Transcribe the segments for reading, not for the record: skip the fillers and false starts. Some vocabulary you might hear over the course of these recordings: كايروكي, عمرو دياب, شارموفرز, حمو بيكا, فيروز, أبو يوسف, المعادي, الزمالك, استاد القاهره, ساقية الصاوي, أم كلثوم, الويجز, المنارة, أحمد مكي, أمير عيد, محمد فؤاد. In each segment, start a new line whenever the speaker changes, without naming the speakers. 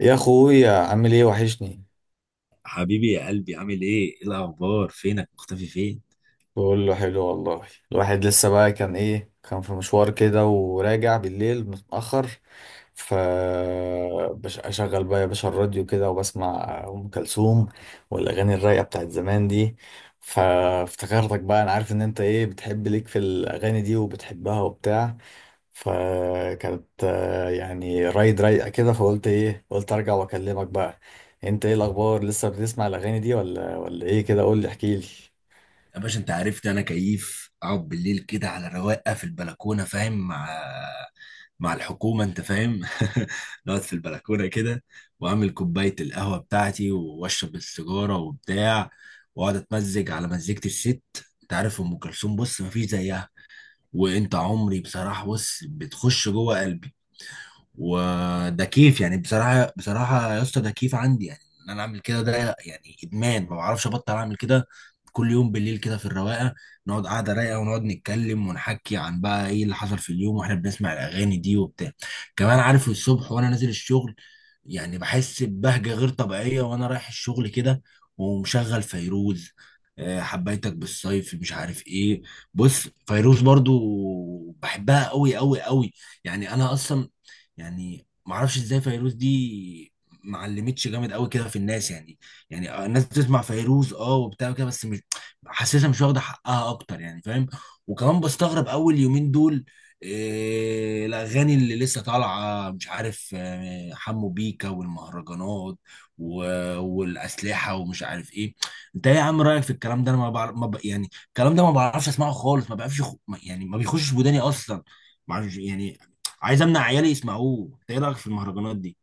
يا اخويا، عامل ايه؟ وحشني.
حبيبي يا قلبي عامل ايه؟ ايه الاخبار؟ فينك مختفي فين؟
بقول له حلو والله. الواحد لسه بقى كان ايه، كان في مشوار كده وراجع بالليل متأخر. ف اشغل بقى يا باشا الراديو كده وبسمع ام كلثوم والاغاني الرايقه بتاعت زمان دي. فافتكرتك بقى، انا عارف ان انت ايه، بتحب ليك في الاغاني دي وبتحبها وبتاع. فكانت يعني رايد رايقه كده، فقلت ايه، قلت ارجع واكلمك بقى. انت ايه الاخبار؟ لسه بتسمع الاغاني دي ولا ايه؟ كده قول لي، احكي لي.
يا باشا انت عرفت انا كيف اقعد بالليل كده على رواقه في البلكونه فاهم مع الحكومه انت فاهم نقعد في البلكونه كده، واعمل كوبايه القهوه بتاعتي واشرب السيجاره وبتاع، واقعد اتمزج على مزيكه الست. انت عارف ام كلثوم، بص مفيش زيها. وانت عمري بصراحه، بص بتخش جوه قلبي. وده كيف يعني، بصراحه بصراحه يا اسطى، ده كيف عندي يعني ان انا اعمل كده، ده يعني ادمان ما بعرفش ابطل اعمل كده. كل يوم بالليل كده في الرواقه، نقعد قعده رايقه ونقعد نتكلم ونحكي عن بقى ايه اللي حصل في اليوم، واحنا بنسمع الاغاني دي وبتاع. كمان عارف الصبح وانا نازل الشغل، يعني بحس ببهجه غير طبيعيه وانا رايح الشغل كده، ومشغل فيروز. حبيتك بالصيف، مش عارف ايه. بص فيروز برضو بحبها قوي قوي قوي. يعني انا اصلا يعني ما اعرفش ازاي فيروز دي ما علمتش جامد قوي كده في الناس يعني. يعني الناس بتسمع فيروز اه وبتاع كده، بس مش حاسسها مش واخده حقها اكتر، يعني فاهم. وكمان بستغرب اول يومين دول، إيه الاغاني اللي لسه طالعه، مش عارف حمو بيكا والمهرجانات والاسلحه ومش عارف ايه. انت ايه يا عم رايك في الكلام ده؟ انا ما بعرف ما ب... يعني الكلام ده ما بعرفش اسمعه خالص، ما بعرفش يعني ما بيخشش وداني اصلا، معرفش يعني. عايز امنع عيالي يسمعوه. انت ايه رايك في المهرجانات دي؟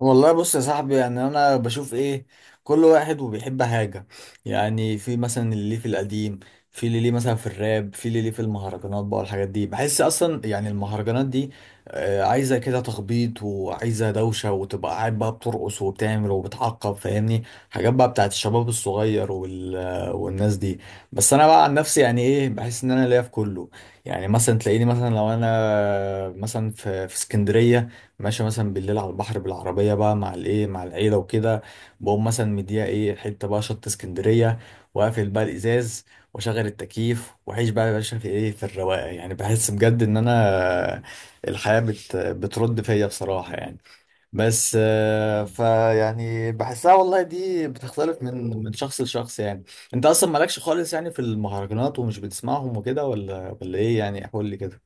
والله بص يا صاحبي، يعني انا بشوف ايه، كل واحد وبيحب حاجة. يعني في مثلا اللي ليه في القديم، في اللي ليه مثلا في الراب، في اللي ليه في المهرجانات بقى والحاجات دي. بحس اصلا يعني المهرجانات دي عايزة كده تخبيط وعايزة دوشة وتبقى قاعد بقى بترقص وبتعمل وبتعقب، فاهمني؟ حاجات بقى بتاعت الشباب الصغير وال... والناس دي. بس انا بقى عن نفسي يعني ايه، بحس ان انا ليا في كله. يعني مثلا تلاقيني مثلا لو انا مثلا في اسكندرية ماشي مثلا بالليل على البحر بالعربية بقى مع الايه، مع العيلة وكده، بقوم مثلا مديها ايه حتة بقى شط اسكندرية، واقفل بقى الإزاز واشغل التكييف واعيش بقى يا باشا في ايه، في الرواقة. يعني بحس بجد ان انا الحياة بترد فيا بصراحة يعني. بس فيعني بحسها والله دي بتختلف من شخص لشخص يعني. انت اصلا مالكش خالص يعني في المهرجانات ومش بتسمعهم وكده ولا ايه يعني؟ قول لي كده.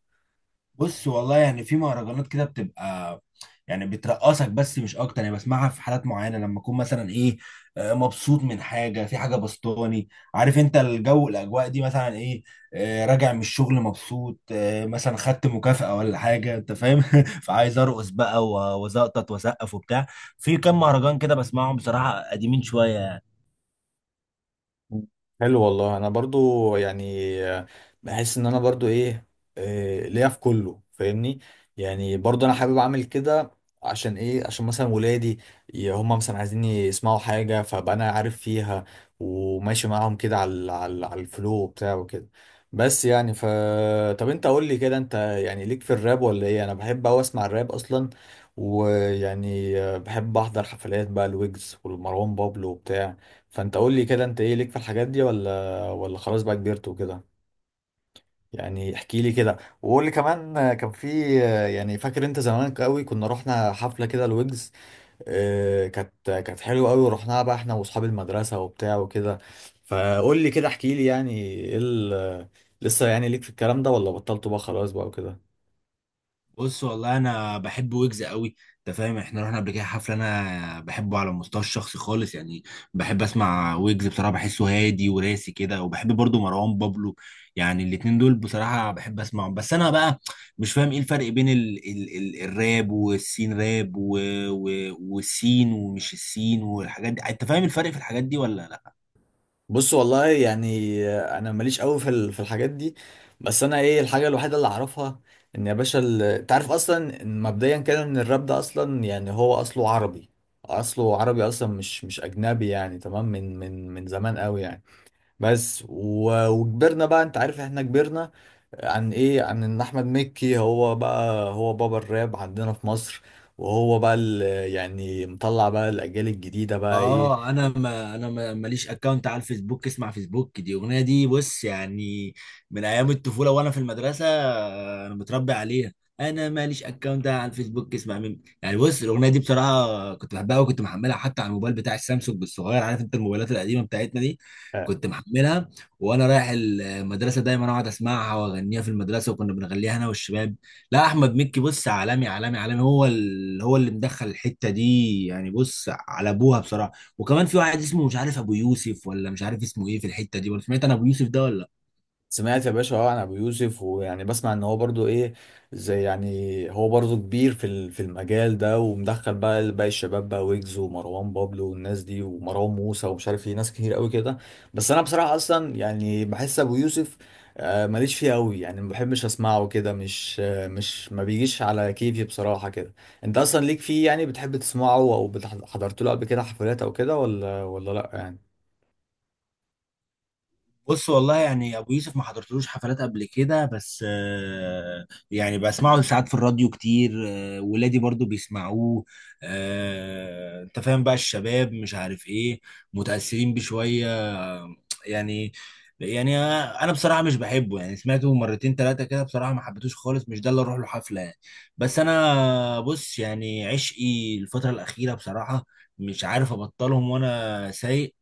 بص والله، يعني في مهرجانات كده بتبقى يعني بترقصك، بس مش اكتر. يعني بسمعها في حالات معينه، لما اكون مثلا ايه، مبسوط من حاجه، في حاجه بسطاني. عارف انت الجو، الاجواء دي، مثلا ايه، راجع من الشغل مبسوط، مثلا خدت مكافاه ولا حاجه، انت فاهم فعايز ارقص بقى وزقطط واسقف وبتاع. في كام مهرجان كده بسمعهم بصراحه، قديمين شويه يعني.
حلو والله. انا برضو يعني بحس ان انا برضو ايه، ليا في كله فاهمني. يعني برضو انا حابب اعمل كده، عشان ايه، عشان مثلا ولادي هم مثلا عايزين يسمعوا حاجة، فبقى انا عارف فيها وماشي معاهم كده على على الفلو بتاعه كده. بس يعني طب انت قول لي كده، انت يعني ليك في الراب ولا ايه؟ انا بحب اوي اسمع الراب اصلا، ويعني بحب احضر حفلات بقى الويجز والمروان بابلو وبتاع. فانت قول لي كده، انت ايه ليك في الحاجات دي، ولا خلاص بقى كبرت وكده؟ يعني احكي لي كده، وقول لي كمان كان في. يعني فاكر انت زمان قوي كنا رحنا حفله كده الويجز؟ اه كانت حلوه قوي، ورحناها بقى احنا واصحاب المدرسه وبتاع وكده. فقول لي كده، احكي لي يعني ايه لسه يعني ليك في الكلام ده، ولا بطلته بقى خلاص بقى وكده؟
بص والله انا بحب ويجز قوي. انت فاهم احنا رحنا قبل كده حفله. انا بحبه على المستوى الشخصي خالص يعني، بحب اسمع ويجز بصراحه، بحسه هادي وراسي كده. وبحب برضو مروان بابلو. يعني الاتنين دول بصراحه بحب اسمعهم. بس انا بقى مش فاهم ايه الفرق بين ال الراب والسين راب والسين ومش السين والحاجات دي. انت فاهم الفرق في الحاجات دي ولا لا؟
بص والله يعني انا ماليش قوي في الحاجات دي. بس انا ايه الحاجه الوحيده اللي اعرفها، ان يا باشا انت عارف اصلا إن مبدئيا كده ان الراب ده اصلا يعني هو اصله عربي، اصله عربي اصلا مش اجنبي يعني، تمام من من زمان قوي يعني. بس وكبرنا بقى انت عارف احنا كبرنا، عن ايه، عن ان احمد مكي هو بقى هو بابا الراب عندنا في مصر. وهو بقى يعني مطلع بقى الاجيال الجديده بقى ايه.
اه انا ما ماليش اكونت على الفيسبوك اسمع فيسبوك دي اغنيه دي. بص يعني من ايام الطفوله وانا في المدرسه، انا متربي عليها. انا ماليش اكونت على الفيسبوك اسمع مين يعني. بص الاغنيه دي بصراحه كنت بحبها، وكنت محملها حتى على الموبايل بتاع السامسونج الصغير، عارف انت الموبايلات القديمه بتاعتنا دي، كنت محملها وانا رايح المدرسه، دايما اقعد اسمعها واغنيها في المدرسه، وكنا بنغنيها انا والشباب. لا احمد مكي بص عالمي عالمي عالمي، هو اللي مدخل الحته دي يعني، بص على ابوها بصراحه. وكمان في واحد اسمه مش عارف، ابو يوسف ولا مش عارف اسمه ايه في الحته دي، ولا سمعت انا ابو يوسف ده ولا؟
سمعت يا باشا اه عن ابو يوسف، ويعني بسمع ان هو برضو ايه، زي يعني هو برضو كبير في المجال ده، ومدخل بقى باقي الشباب بقى ويجز ومروان بابلو والناس دي ومروان موسى ومش عارف ايه، ناس كتير قوي كده. بس انا بصراحة اصلا يعني بحس ابو يوسف ماليش فيه قوي يعني، ما بحبش اسمعه كده مش ما بيجيش على كيفي بصراحة كده. انت اصلا ليك فيه يعني، بتحب تسمعه او حضرت له قبل كده حفلات او كده، ولا لا يعني؟
بص والله يعني ابو يوسف ما حضرتلوش حفلات قبل كده، بس يعني بسمعه ساعات في الراديو كتير، ولادي برضو بيسمعوه، انت فاهم بقى الشباب مش عارف ايه، متأثرين بشوية. آه، يعني يعني انا بصراحة مش بحبه، يعني سمعته مرتين ثلاثة كده بصراحة، ما حبيتوش خالص، مش ده اللي اروح له حفلة يعني. بس انا بص يعني عشقي الفترة الأخيرة بصراحة، مش عارف ابطلهم وانا سايق،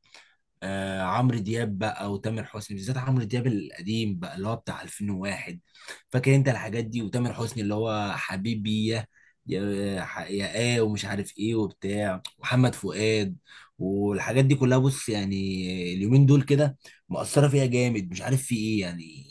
آه عمرو دياب بقى وتامر حسني، بالذات عمرو دياب القديم بقى اللي هو بتاع 2001، فاكر انت الحاجات دي، وتامر حسني اللي هو حبيبي يا يا ايه ومش عارف ايه وبتاع، محمد فؤاد والحاجات دي كلها. بص يعني اليومين دول كده مأثرة فيها جامد، مش عارف في ايه يعني.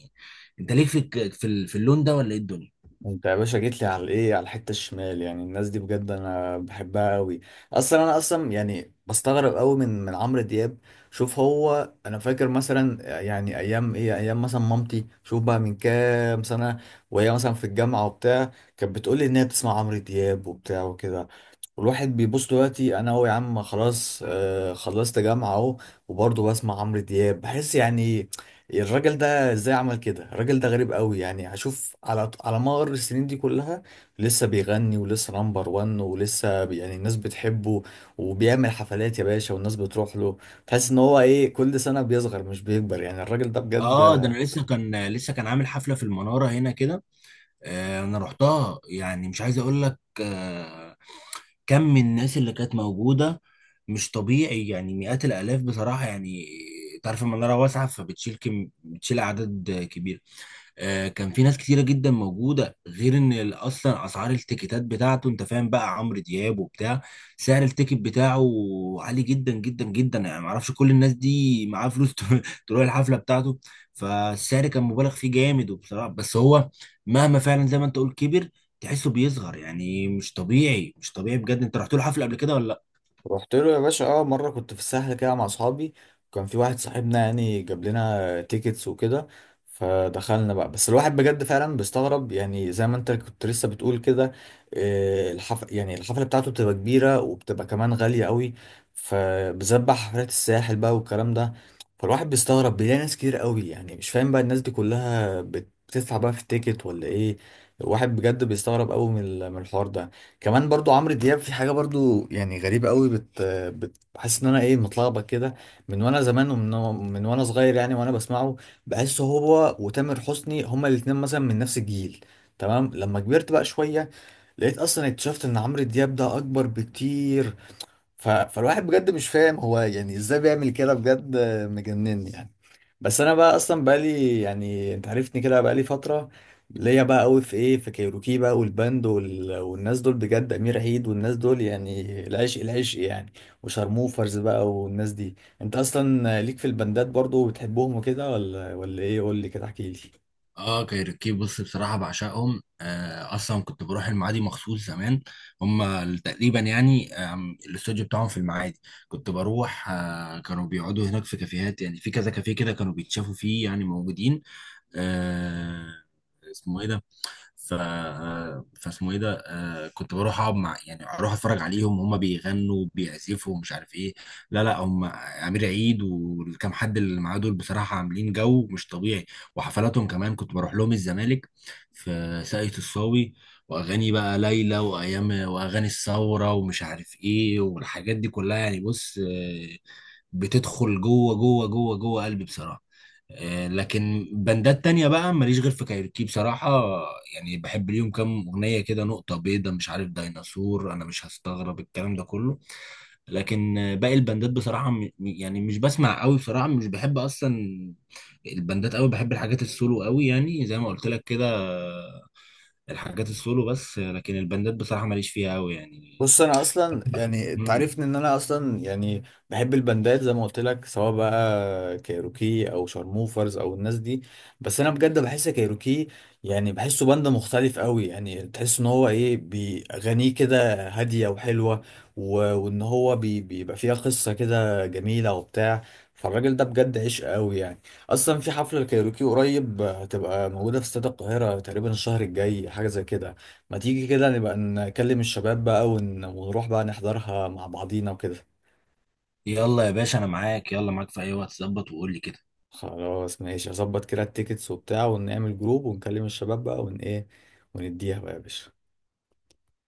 انت ليك في في اللون ده ولا ايه الدنيا؟
انت يا باشا جيت لي على الايه، على الحته الشمال يعني. الناس دي بجد انا بحبها قوي. اصلا انا اصلا يعني بستغرب قوي من عمرو دياب. شوف هو انا فاكر مثلا يعني ايام ايه، ايام مثلا مامتي، شوف بقى من كام سنه، وهي مثلا في الجامعه وبتاع كانت بتقول لي ان هي بتسمع عمرو دياب وبتاع وكده. والواحد بيبص دلوقتي انا اهو يا عم خلاص، آه خلصت جامعه اهو، وبرضه بسمع عمرو دياب. بحس يعني الراجل ده ازاي عمل كده؟ الراجل ده غريب قوي يعني، هشوف على مر السنين دي كلها لسه بيغني ولسه نمبر وان ولسه يعني الناس بتحبه وبيعمل حفلات يا باشا والناس بتروح له. تحس ان هو ايه، كل سنه بيصغر مش بيكبر يعني، الراجل ده بجد.
اه ده انا لسه كان عامل حفلة في المنارة هنا كده، انا رحتها. يعني مش عايز اقول لك كم من الناس اللي كانت موجودة، مش طبيعي يعني، مئات الآلاف بصراحة يعني. تعرف المنارة واسعة، فبتشيل كم بتشيل أعداد كبيرة. كان في ناس كتيرة جدا موجودة، غير ان اصلا اسعار التيكيتات بتاعته، انت فاهم بقى عمرو دياب وبتاع، سعر التيكت بتاعه عالي جدا جدا جدا يعني. معرفش كل الناس دي معاه فلوس تروح الحفلة بتاعته. فالسعر كان مبالغ فيه جامد وبصراحة، بس هو مهما فعلا زي ما انت قلت كبر، تحسه بيصغر، يعني مش طبيعي مش طبيعي بجد. انت رحت له حفلة قبل كده ولا؟
رحت له يا باشا، اه مره كنت في الساحل كده مع اصحابي، وكان في واحد صاحبنا يعني جاب لنا تيكتس وكده فدخلنا بقى. بس الواحد بجد فعلا بيستغرب، يعني زي ما انت كنت لسه بتقول كده، يعني الحفله بتاعته بتبقى كبيره وبتبقى كمان غاليه قوي. فبالذات بقى حفلات الساحل بقى والكلام ده، فالواحد بيستغرب بيلاقي ناس كتير قوي. يعني مش فاهم بقى الناس دي كلها بتدفع بقى في التيكت ولا ايه؟ الواحد بجد بيستغرب قوي من الحوار ده. كمان برضو عمرو دياب في حاجة برضو يعني غريبة قوي، بتحس ان انا ايه، متلخبط كده. من وانا زمان، ومن وانا صغير يعني وانا بسمعه. بحس هو وتامر حسني هما الاتنين مثلا من نفس الجيل، تمام. لما كبرت بقى شوية لقيت اصلا، اكتشفت ان عمرو دياب ده اكبر بكتير. فالواحد بجد مش فاهم هو يعني ازاي بيعمل كده، بجد مجنني يعني. بس انا بقى اصلا بقالي يعني، انت عرفتني كده، بقالي فتره ليا بقى قوي في ايه، في كايروكي بقى والباند والناس دول بجد، امير عيد والناس دول يعني العشق العشق يعني. وشارموفرز بقى والناس دي. انت اصلا ليك في الباندات برضو وبتحبهم وكده، ولا ايه؟ قول لي كده، احكي لي.
اه كايروكي بص بصراحة بعشقهم. آه اصلا كنت بروح المعادي مخصوص زمان، هم تقريبا يعني، الاستوديو بتاعهم في المعادي، كنت بروح. آه كانوا بيقعدوا هناك في كافيهات، يعني في كذا كافيه كده كانوا بيتشافوا فيه يعني موجودين. آه اسمه ايه ده، ف فاسمه ايه ده. كنت بروح اقعد مع، يعني اروح اتفرج عليهم وهم بيغنوا بيعزفوا ومش عارف ايه. لا لا، هم امير عيد والكام حد اللي معاه دول بصراحه عاملين جو مش طبيعي. وحفلاتهم كمان كنت بروح لهم الزمالك في ساقية الصاوي، واغاني بقى ليلى وايام واغاني الثوره ومش عارف ايه والحاجات دي كلها يعني. بص بتدخل جوه جوه جوه جوه قلبي بصراحه. لكن بندات تانية بقى ماليش غير في كايروكي بصراحة، يعني بحب ليهم كام أغنية كده، نقطة بيضة، مش عارف، ديناصور، أنا مش هستغرب الكلام ده كله. لكن باقي البندات بصراحة يعني مش بسمع قوي بصراحة، مش بحب أصلا البندات قوي، بحب الحاجات السولو قوي، يعني زي ما قلت لك كده، الحاجات السولو بس. لكن البندات بصراحة ماليش فيها قوي يعني.
بص انا اصلا يعني انت
مم.
عارفني ان انا اصلا يعني بحب البندات زي ما قلت لك، سواء بقى كايروكي او شارموفرز او الناس دي. بس انا بجد بحس كايروكي يعني بحسه بند مختلف قوي، يعني تحس ان هو ايه، بيغنيه كده هاديه وحلوه، و... وان هو بيبقى فيها قصه كده جميله وبتاع. فالراجل ده بجد عشق قوي يعني. اصلا في حفله الكايروكي قريب هتبقى موجوده في استاد القاهره تقريبا الشهر الجاي حاجه زي كده، ما تيجي كده نبقى نكلم الشباب بقى ونروح بقى نحضرها مع بعضينا وكده.
يلا يا باشا أنا معاك، يلا معاك في أي وقت، ظبط وقول لي كده.
خلاص ماشي، هظبط كده التيكتس وبتاع ونعمل جروب ونكلم الشباب بقى ايه، ونديها بقى يا باشا.